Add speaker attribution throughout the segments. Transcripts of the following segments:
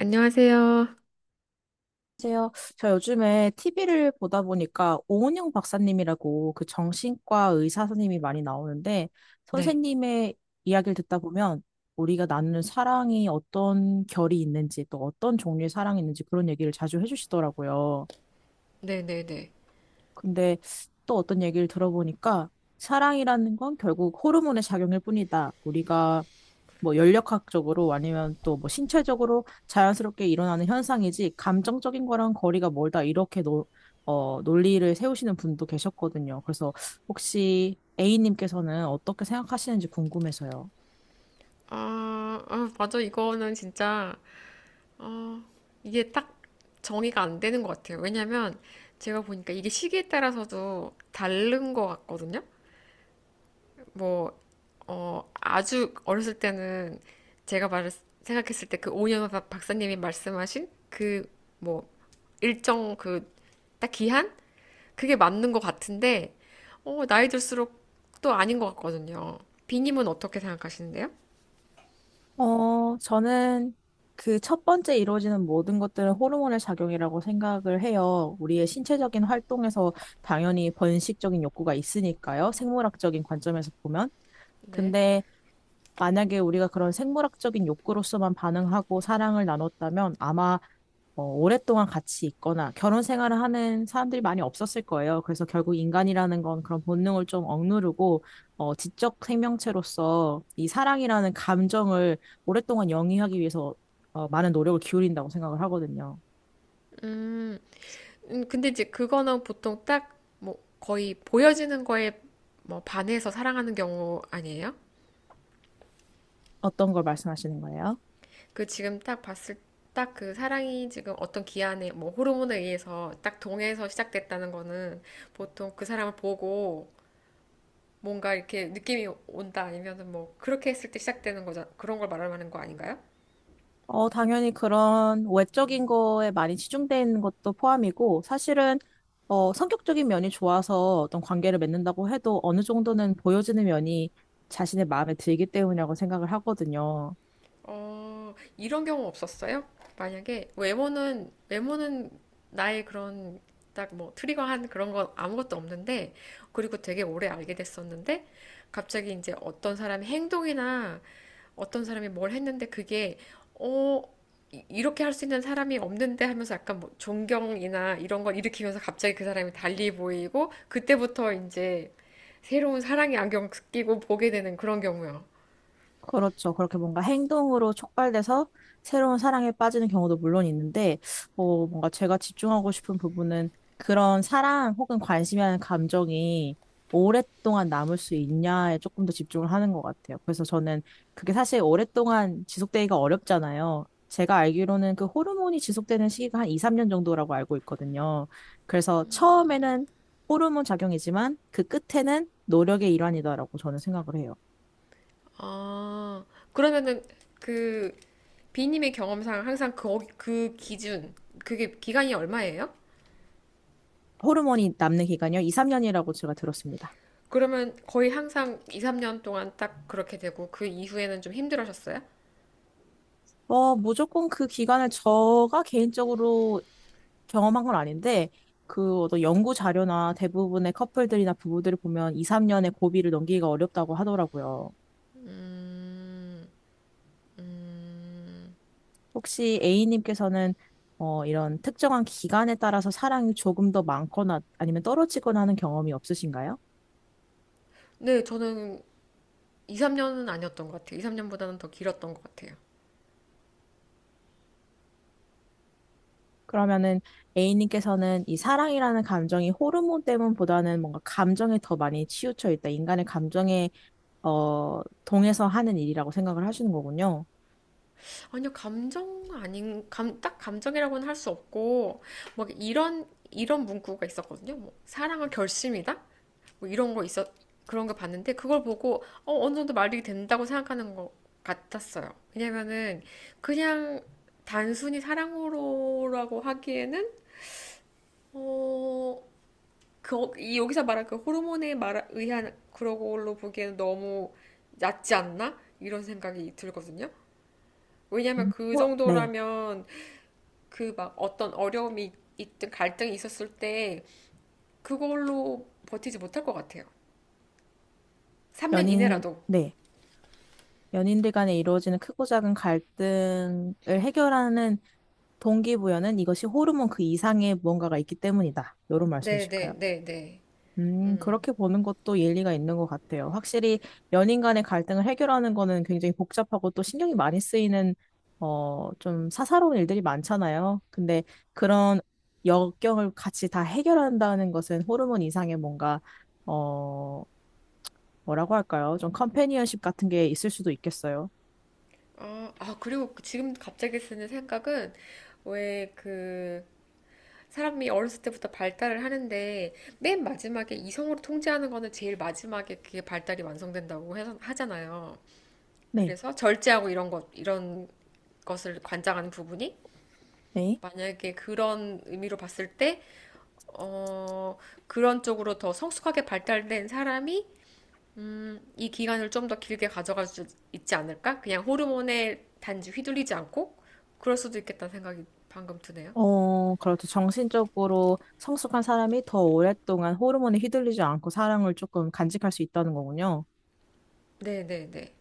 Speaker 1: 안녕하세요.
Speaker 2: 안녕하세요. 저 요즘에 TV를 보다 보니까 오은영 박사님이라고 그 정신과 의사 선생님이 많이 나오는데
Speaker 1: 네,
Speaker 2: 선생님의 이야기를 듣다 보면 우리가 나누는 사랑이 어떤 결이 있는지 또 어떤 종류의 사랑이 있는지 그런 얘기를 자주 해주시더라고요.
Speaker 1: 네, 네, 네.
Speaker 2: 근데 또 어떤 얘기를 들어보니까 사랑이라는 건 결국 호르몬의 작용일 뿐이다. 우리가 뭐 연력학적으로 아니면 또 뭐 신체적으로 자연스럽게 일어나는 현상이지 감정적인 거랑 거리가 멀다 이렇게 논리를 세우시는 분도 계셨거든요. 그래서 혹시 A님께서는 어떻게 생각하시는지 궁금해서요.
Speaker 1: 아, 아, 맞아. 이거는 진짜, 어, 이게 딱 정의가 안 되는 것 같아요. 왜냐면 제가 보니까 이게 시기에 따라서도 다른 것 같거든요. 뭐, 아주 어렸을 때는 제가 생각했을 때 그 오년 박사님이 말씀하신 그, 뭐, 일정 그, 딱 기한? 그게 맞는 것 같은데, 나이 들수록 또 아닌 것 같거든요. 비님은 어떻게 생각하시는데요?
Speaker 2: 저는 그 첫 번째 이루어지는 모든 것들은 호르몬의 작용이라고 생각을 해요. 우리의 신체적인 활동에서 당연히 번식적인 욕구가 있으니까요. 생물학적인 관점에서 보면.
Speaker 1: 네.
Speaker 2: 근데 만약에 우리가 그런 생물학적인 욕구로서만 반응하고 사랑을 나눴다면 아마 오랫동안 같이 있거나 결혼 생활을 하는 사람들이 많이 없었을 거예요. 그래서 결국 인간이라는 건 그런 본능을 좀 억누르고 지적 생명체로서 이 사랑이라는 감정을 오랫동안 영위하기 위해서 많은 노력을 기울인다고 생각을 하거든요.
Speaker 1: 음, 근데 이제 그거는 보통 딱, 뭐, 거의 보여지는 거에 뭐, 반해서 사랑하는 경우 아니에요?
Speaker 2: 어떤 걸 말씀하시는 거예요?
Speaker 1: 그 지금 딱 봤을 딱 그 사랑이 지금 어떤 기한에 뭐 호르몬에 의해서 딱 동해서 시작됐다는 거는 보통 그 사람을 보고 뭔가 이렇게 느낌이 온다 아니면은 뭐 그렇게 했을 때 시작되는 거잖아. 그런 걸 말하는 거 아닌가요?
Speaker 2: 당연히 그런 외적인 거에 많이 치중되어 있는 것도 포함이고, 사실은, 성격적인 면이 좋아서 어떤 관계를 맺는다고 해도 어느 정도는 보여지는 면이 자신의 마음에 들기 때문이라고 생각을 하거든요.
Speaker 1: 이런 경우 없었어요? 만약에 외모는 나의 그런 딱 뭐 트리거한 그런 건 아무것도 없는데 그리고 되게 오래 알게 됐었는데 갑자기 이제 어떤 사람의 행동이나 어떤 사람이 뭘 했는데 그게 어 이렇게 할 수 있는 사람이 없는데 하면서 약간 뭐 존경이나 이런 걸 일으키면서 갑자기 그 사람이 달리 보이고 그때부터 이제 새로운 사랑의 안경 끼고 보게 되는 그런 경우요.
Speaker 2: 그렇죠. 그렇게 뭔가 행동으로 촉발돼서 새로운 사랑에 빠지는 경우도 물론 있는데, 뭔가 제가 집중하고 싶은 부분은 그런 사랑 혹은 관심이라는 감정이 오랫동안 남을 수 있냐에 조금 더 집중을 하는 것 같아요. 그래서 저는 그게 사실 오랫동안 지속되기가 어렵잖아요. 제가 알기로는 그 호르몬이 지속되는 시기가 한 2, 3년 정도라고 알고 있거든요. 그래서 처음에는 호르몬 작용이지만 그 끝에는 노력의 일환이다라고 저는 생각을 해요.
Speaker 1: 아, 그러면은 그 b 님의 경험상 항상 그게 기간이 얼마예요?
Speaker 2: 호르몬이 남는 기간이요? 2, 3년이라고 제가 들었습니다.
Speaker 1: 그러면 거의 항상 2, 3년 동안 딱 그렇게 되고 그 이후에는 좀 힘들어하셨어요?
Speaker 2: 무조건 그 기간을 제가 개인적으로 경험한 건 아닌데, 그 어떤 연구 자료나 대부분의 커플들이나 부부들을 보면 2, 3년의 고비를 넘기기가 어렵다고 하더라고요. 혹시 A님께서는 이런 특정한 기간에 따라서 사랑이 조금 더 많거나 아니면 떨어지거나 하는 경험이 없으신가요?
Speaker 1: 네, 저는 2, 3년은 아니었던 것 같아요. 2, 3년보다는 더 길었던 것 같아요.
Speaker 2: 그러면은 A님께서는 이 사랑이라는 감정이 호르몬 때문보다는 뭔가 감정에 더 많이 치우쳐 있다. 인간의 감정에 동해서 하는 일이라고 생각을 하시는 거군요.
Speaker 1: 아니요, 딱 감정이라고는 할 수 없고, 막 이런 문구가 있었거든요. 뭐, 사랑은 결심이다? 뭐 이런 거 있었 그런 거 봤는데 그걸 보고 어느 정도 말이 된다고 생각하는 것 같았어요. 왜냐면은 그냥 단순히 사랑으로라고 하기에는 어, 이 여기서 말한 그 호르몬에 말 의한 그런 걸로 보기에는 너무 얕지 않나? 이런 생각이 들거든요. 왜냐면
Speaker 2: 음.
Speaker 1: 그
Speaker 2: 뭐, 네.
Speaker 1: 정도라면 그 막 어떤 어려움이 있든 갈등이 있었을 때 그걸로 버티지 못할 것 같아요. 3년
Speaker 2: 연인,
Speaker 1: 이내라도.
Speaker 2: 네. 연인들 간에 이루어지는 크고 작은 갈등을 해결하는 동기부여는 이것이 호르몬 그 이상의 무언가가 있기 때문이다. 이런
Speaker 1: 네, 네,
Speaker 2: 말씀이실까요?
Speaker 1: 네, 네.
Speaker 2: 그렇게 보는 것도 일리가 있는 것 같아요. 확실히 연인 간의 갈등을 해결하는 거는 굉장히 복잡하고 또 신경이 많이 쓰이는, 좀 사사로운 일들이 많잖아요. 근데 그런 역경을 같이 다 해결한다는 것은 호르몬 이상의 뭔가, 어, 뭐라고 할까요? 좀 컴패니언십 같은 게 있을 수도 있겠어요.
Speaker 1: 아, 아, 그리고 그 지금 갑자기 쓰는 생각은 왜 그 사람이 어렸을 때부터 발달을 하는데 맨 마지막에 이성으로 통제하는 거는 제일 마지막에 그게 발달이 완성된다고 하잖아요.
Speaker 2: 네.
Speaker 1: 그래서 절제하고 이런 것을 관장하는 부분이
Speaker 2: 네.
Speaker 1: 만약에 그런 의미로 봤을 때, 어, 그런 쪽으로 더 성숙하게 발달된 사람이 이 기간을 좀 더 길게 가져갈 수 있지 않을까? 그냥 호르몬에 단지 휘둘리지 않고 그럴 수도 있겠다는 생각이 방금 드네요.
Speaker 2: 그렇죠. 정신적으로 성숙한 사람이 더 오랫동안 호르몬에 휘둘리지 않고 사랑을 조금 간직할 수 있다는 거군요.
Speaker 1: 네네네.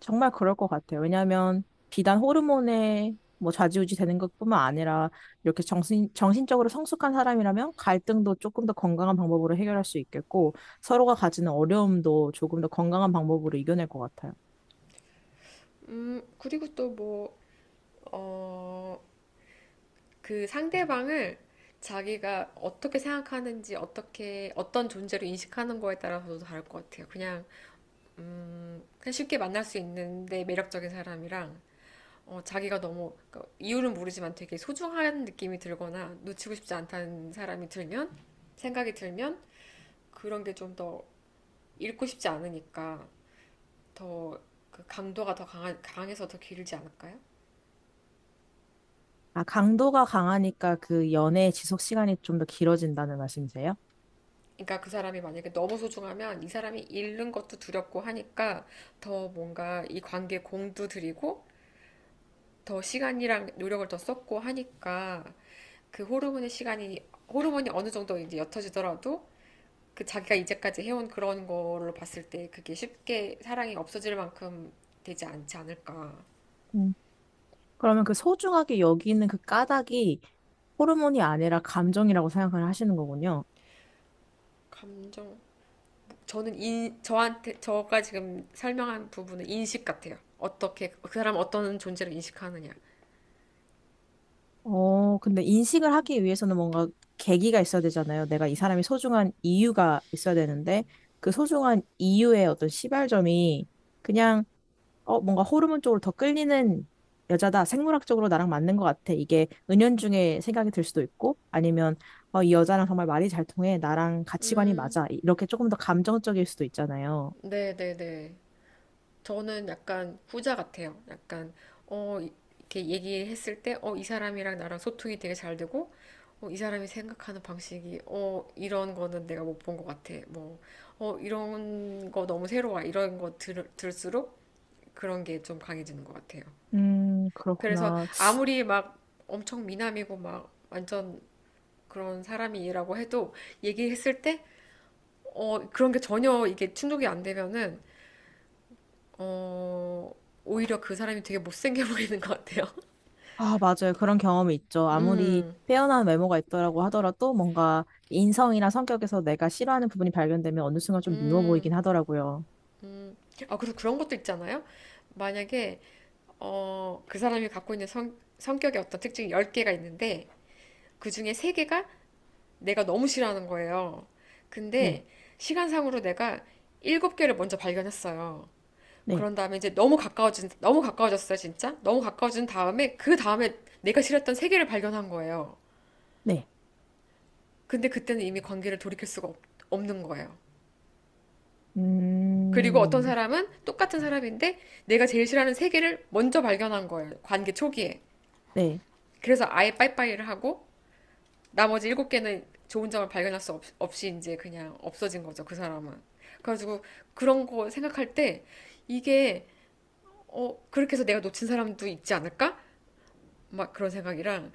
Speaker 2: 정말 그럴 것 같아요. 왜냐하면 비단 호르몬에 뭐 좌지우지 되는 것뿐만 아니라 이렇게 정신적으로 성숙한 사람이라면 갈등도 조금 더 건강한 방법으로 해결할 수 있겠고 서로가 가지는 어려움도 조금 더 건강한 방법으로 이겨낼 것 같아요.
Speaker 1: 그리고 또 뭐, 어, 그 상대방을 자기가 어떻게 생각하는지, 어떻게, 어떤 존재로 인식하는 거에 따라서도 다를 것 같아요. 그냥 쉽게 만날 수 있는데 매력적인 사람이랑 자기가 너무 그러니까 이유는 모르지만 되게 소중한 느낌이 들거나 놓치고 싶지 않다는 사람이 들면 생각이 들면 그런 게 좀 더 읽고 싶지 않으니까 더 그 강도가 더 강해서 더 길지 않을까요?
Speaker 2: 아, 강도가 강하니까 그 연애의 지속 시간이 좀 더 길어진다는 말씀이세요?
Speaker 1: 그러니까 그 사람이 만약에 너무 소중하면 이 사람이 잃는 것도 두렵고 하니까 더 뭔가 이 관계에 공도 들이고 더 시간이랑 노력을 더 썼고 하니까 그 호르몬의 시간이 호르몬이 어느 정도 이제 옅어지더라도 그 자기가 이제까지 해온 그런 걸로 봤을 때 그게 쉽게 사랑이 없어질 만큼 되지 않지 않을까.
Speaker 2: 음. 그러면 그 소중하게 여기는 그 까닭이 호르몬이 아니라 감정이라고 생각을 하시는 거군요.
Speaker 1: 감정, 저는 저가 지금 설명한 부분은 인식 같아요. 어떻게, 그 사람 어떤 존재를 인식하느냐.
Speaker 2: 근데 인식을 하기 위해서는 뭔가 계기가 있어야 되잖아요. 내가 이 사람이 소중한 이유가 있어야 되는데, 그 소중한 이유의 어떤 시발점이 그냥, 뭔가 호르몬 쪽으로 더 끌리는 여자다. 생물학적으로 나랑 맞는 것 같아. 이게 은연중에 생각이 들 수도 있고, 아니면, 이 여자랑 정말 말이 잘 통해. 나랑 가치관이 맞아. 이렇게 조금 더 감정적일 수도 있잖아요.
Speaker 1: 네네네. 저는 약간 후자 같아요. 약간 이- 렇게 얘기했을 때 이 사람이랑 나랑 소통이 되게 잘 되고 이 사람이 생각하는 방식이 이런 거는 내가 못 본 것 같아. 뭐 이런 거 너무 새로워. 이런 거 들을수록 그런 게 좀 강해지는 것 같아요. 그래서
Speaker 2: 그렇구나.
Speaker 1: 아무리 막 엄청 미남이고 막 완전 그런 사람이라고 해도 얘기했을 때 그런 게 전혀 이게 충족이 안 되면은 어, 오히려 그 사람이 되게 못생겨 보이는 것 같아요.
Speaker 2: 아, 맞아요. 그런 경험이 있죠. 아무리
Speaker 1: 음,
Speaker 2: 빼어난 외모가 있더라고 하더라도 뭔가 인성이나 성격에서 내가 싫어하는 부분이 발견되면 어느 순간 좀 미워
Speaker 1: 음.
Speaker 2: 보이긴 하더라고요.
Speaker 1: 아, 그리고 그런 것도 있잖아요. 만약에, 그 사람이 갖고 있는 성격의 어떤 특징이 10개가 있는데, 그 중에 3개가 내가 너무 싫어하는 거예요.
Speaker 2: 네,
Speaker 1: 근데, 시간상으로 내가 7개를 먼저 발견했어요.
Speaker 2: 네,
Speaker 1: 그런 다음에 이제 너무 가까워졌어요, 진짜. 너무 가까워진 다음에, 그 다음에 내가 싫었던 3개를 발견한 거예요.
Speaker 2: 네.
Speaker 1: 근데 그때는 이미 관계를 돌이킬 수가 없는 거예요. 그리고 어떤
Speaker 2: 음,
Speaker 1: 사람은 똑같은 사람인데 내가 제일 싫어하는 세 개를 먼저 발견한 거예요. 관계 초기에.
Speaker 2: 네.
Speaker 1: 그래서 아예 빠이빠이를 하고 나머지 일곱 개는 좋은 점을 발견할 수 없이 이제 그냥 없어진 거죠. 그 사람은. 그래가지고 그런 거 생각할 때 이게 그렇게 해서 내가 놓친 사람도 있지 않을까? 막 그런 생각이랑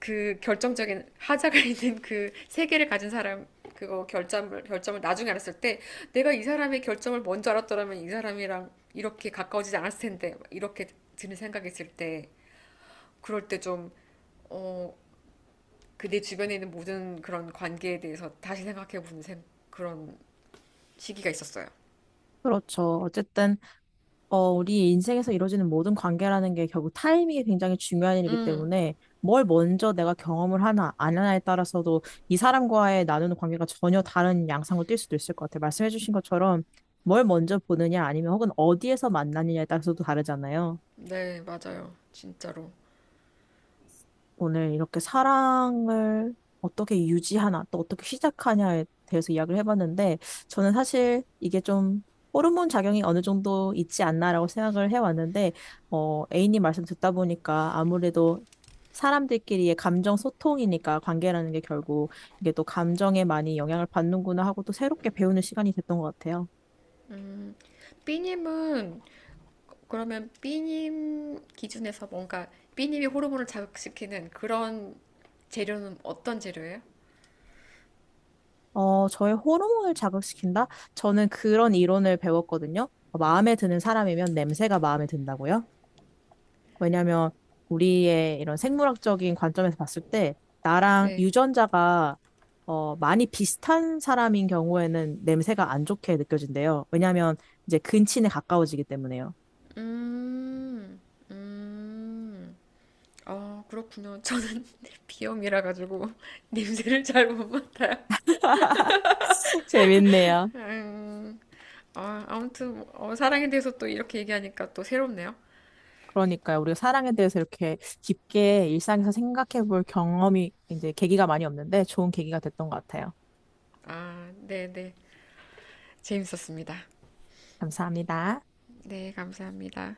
Speaker 1: 그 결정적인 하자가 있는 그 세계를 가진 사람 그거 결점을 나중에 알았을 때 내가 이 사람의 결점을 먼저 알았더라면 이 사람이랑 이렇게 가까워지지 않았을 텐데 이렇게 드는 생각이 있을 때 그럴 때 좀 어 그 내 주변에 있는 모든 그런 관계에 대해서 다시 생각해 보는 그런 시기가 있었어요.
Speaker 2: 그렇죠. 어쨌든 우리 인생에서 이루어지는 모든 관계라는 게 결국 타이밍이 굉장히 중요한 일이기 때문에 뭘 먼저 내가 경험을 하나, 안 하나에 따라서도 이 사람과의 나누는 관계가 전혀 다른 양상으로 뛸 수도 있을 것 같아요. 말씀해주신 것처럼 뭘 먼저 보느냐 아니면 혹은 어디에서 만나느냐에 따라서도 다르잖아요.
Speaker 1: 네, 맞아요. 진짜로.
Speaker 2: 오늘 이렇게 사랑을 어떻게 유지하나, 또 어떻게 시작하냐에 대해서 이야기를 해봤는데, 저는 사실 이게 좀 호르몬 작용이 어느 정도 있지 않나라고 생각을 해왔는데, A님 말씀 듣다 보니까 아무래도 사람들끼리의 감정 소통이니까 관계라는 게 결국 이게 또 감정에 많이 영향을 받는구나 하고 또 새롭게 배우는 시간이 됐던 것 같아요.
Speaker 1: 삐님은 그러면 B님 기준에서 뭔가 B님이 호르몬을 자극시키는 그런 재료는 어떤 재료예요?
Speaker 2: 저의 호르몬을 자극시킨다? 저는 그런 이론을 배웠거든요. 마음에 드는 사람이면 냄새가 마음에 든다고요? 왜냐면 우리의 이런 생물학적인 관점에서 봤을 때 나랑
Speaker 1: 네.
Speaker 2: 유전자가 많이 비슷한 사람인 경우에는 냄새가 안 좋게 느껴진대요. 왜냐면 이제 근친에 가까워지기 때문에요.
Speaker 1: 음, 음, 아, 그렇군요. 저는 비염이라 가지고 냄새를 잘 못 맡아요.
Speaker 2: 재밌네요.
Speaker 1: 음, 아, 아무튼 뭐, 사랑에 대해서 또 이렇게 얘기하니까 또 새롭네요.
Speaker 2: 그러니까요. 우리가 사랑에 대해서 이렇게 깊게 일상에서 생각해 볼 경험이 이제 계기가 많이 없는데 좋은 계기가 됐던 것 같아요.
Speaker 1: 아, 네, 네. 재밌었습니다.
Speaker 2: 감사합니다.
Speaker 1: 네, 감사합니다.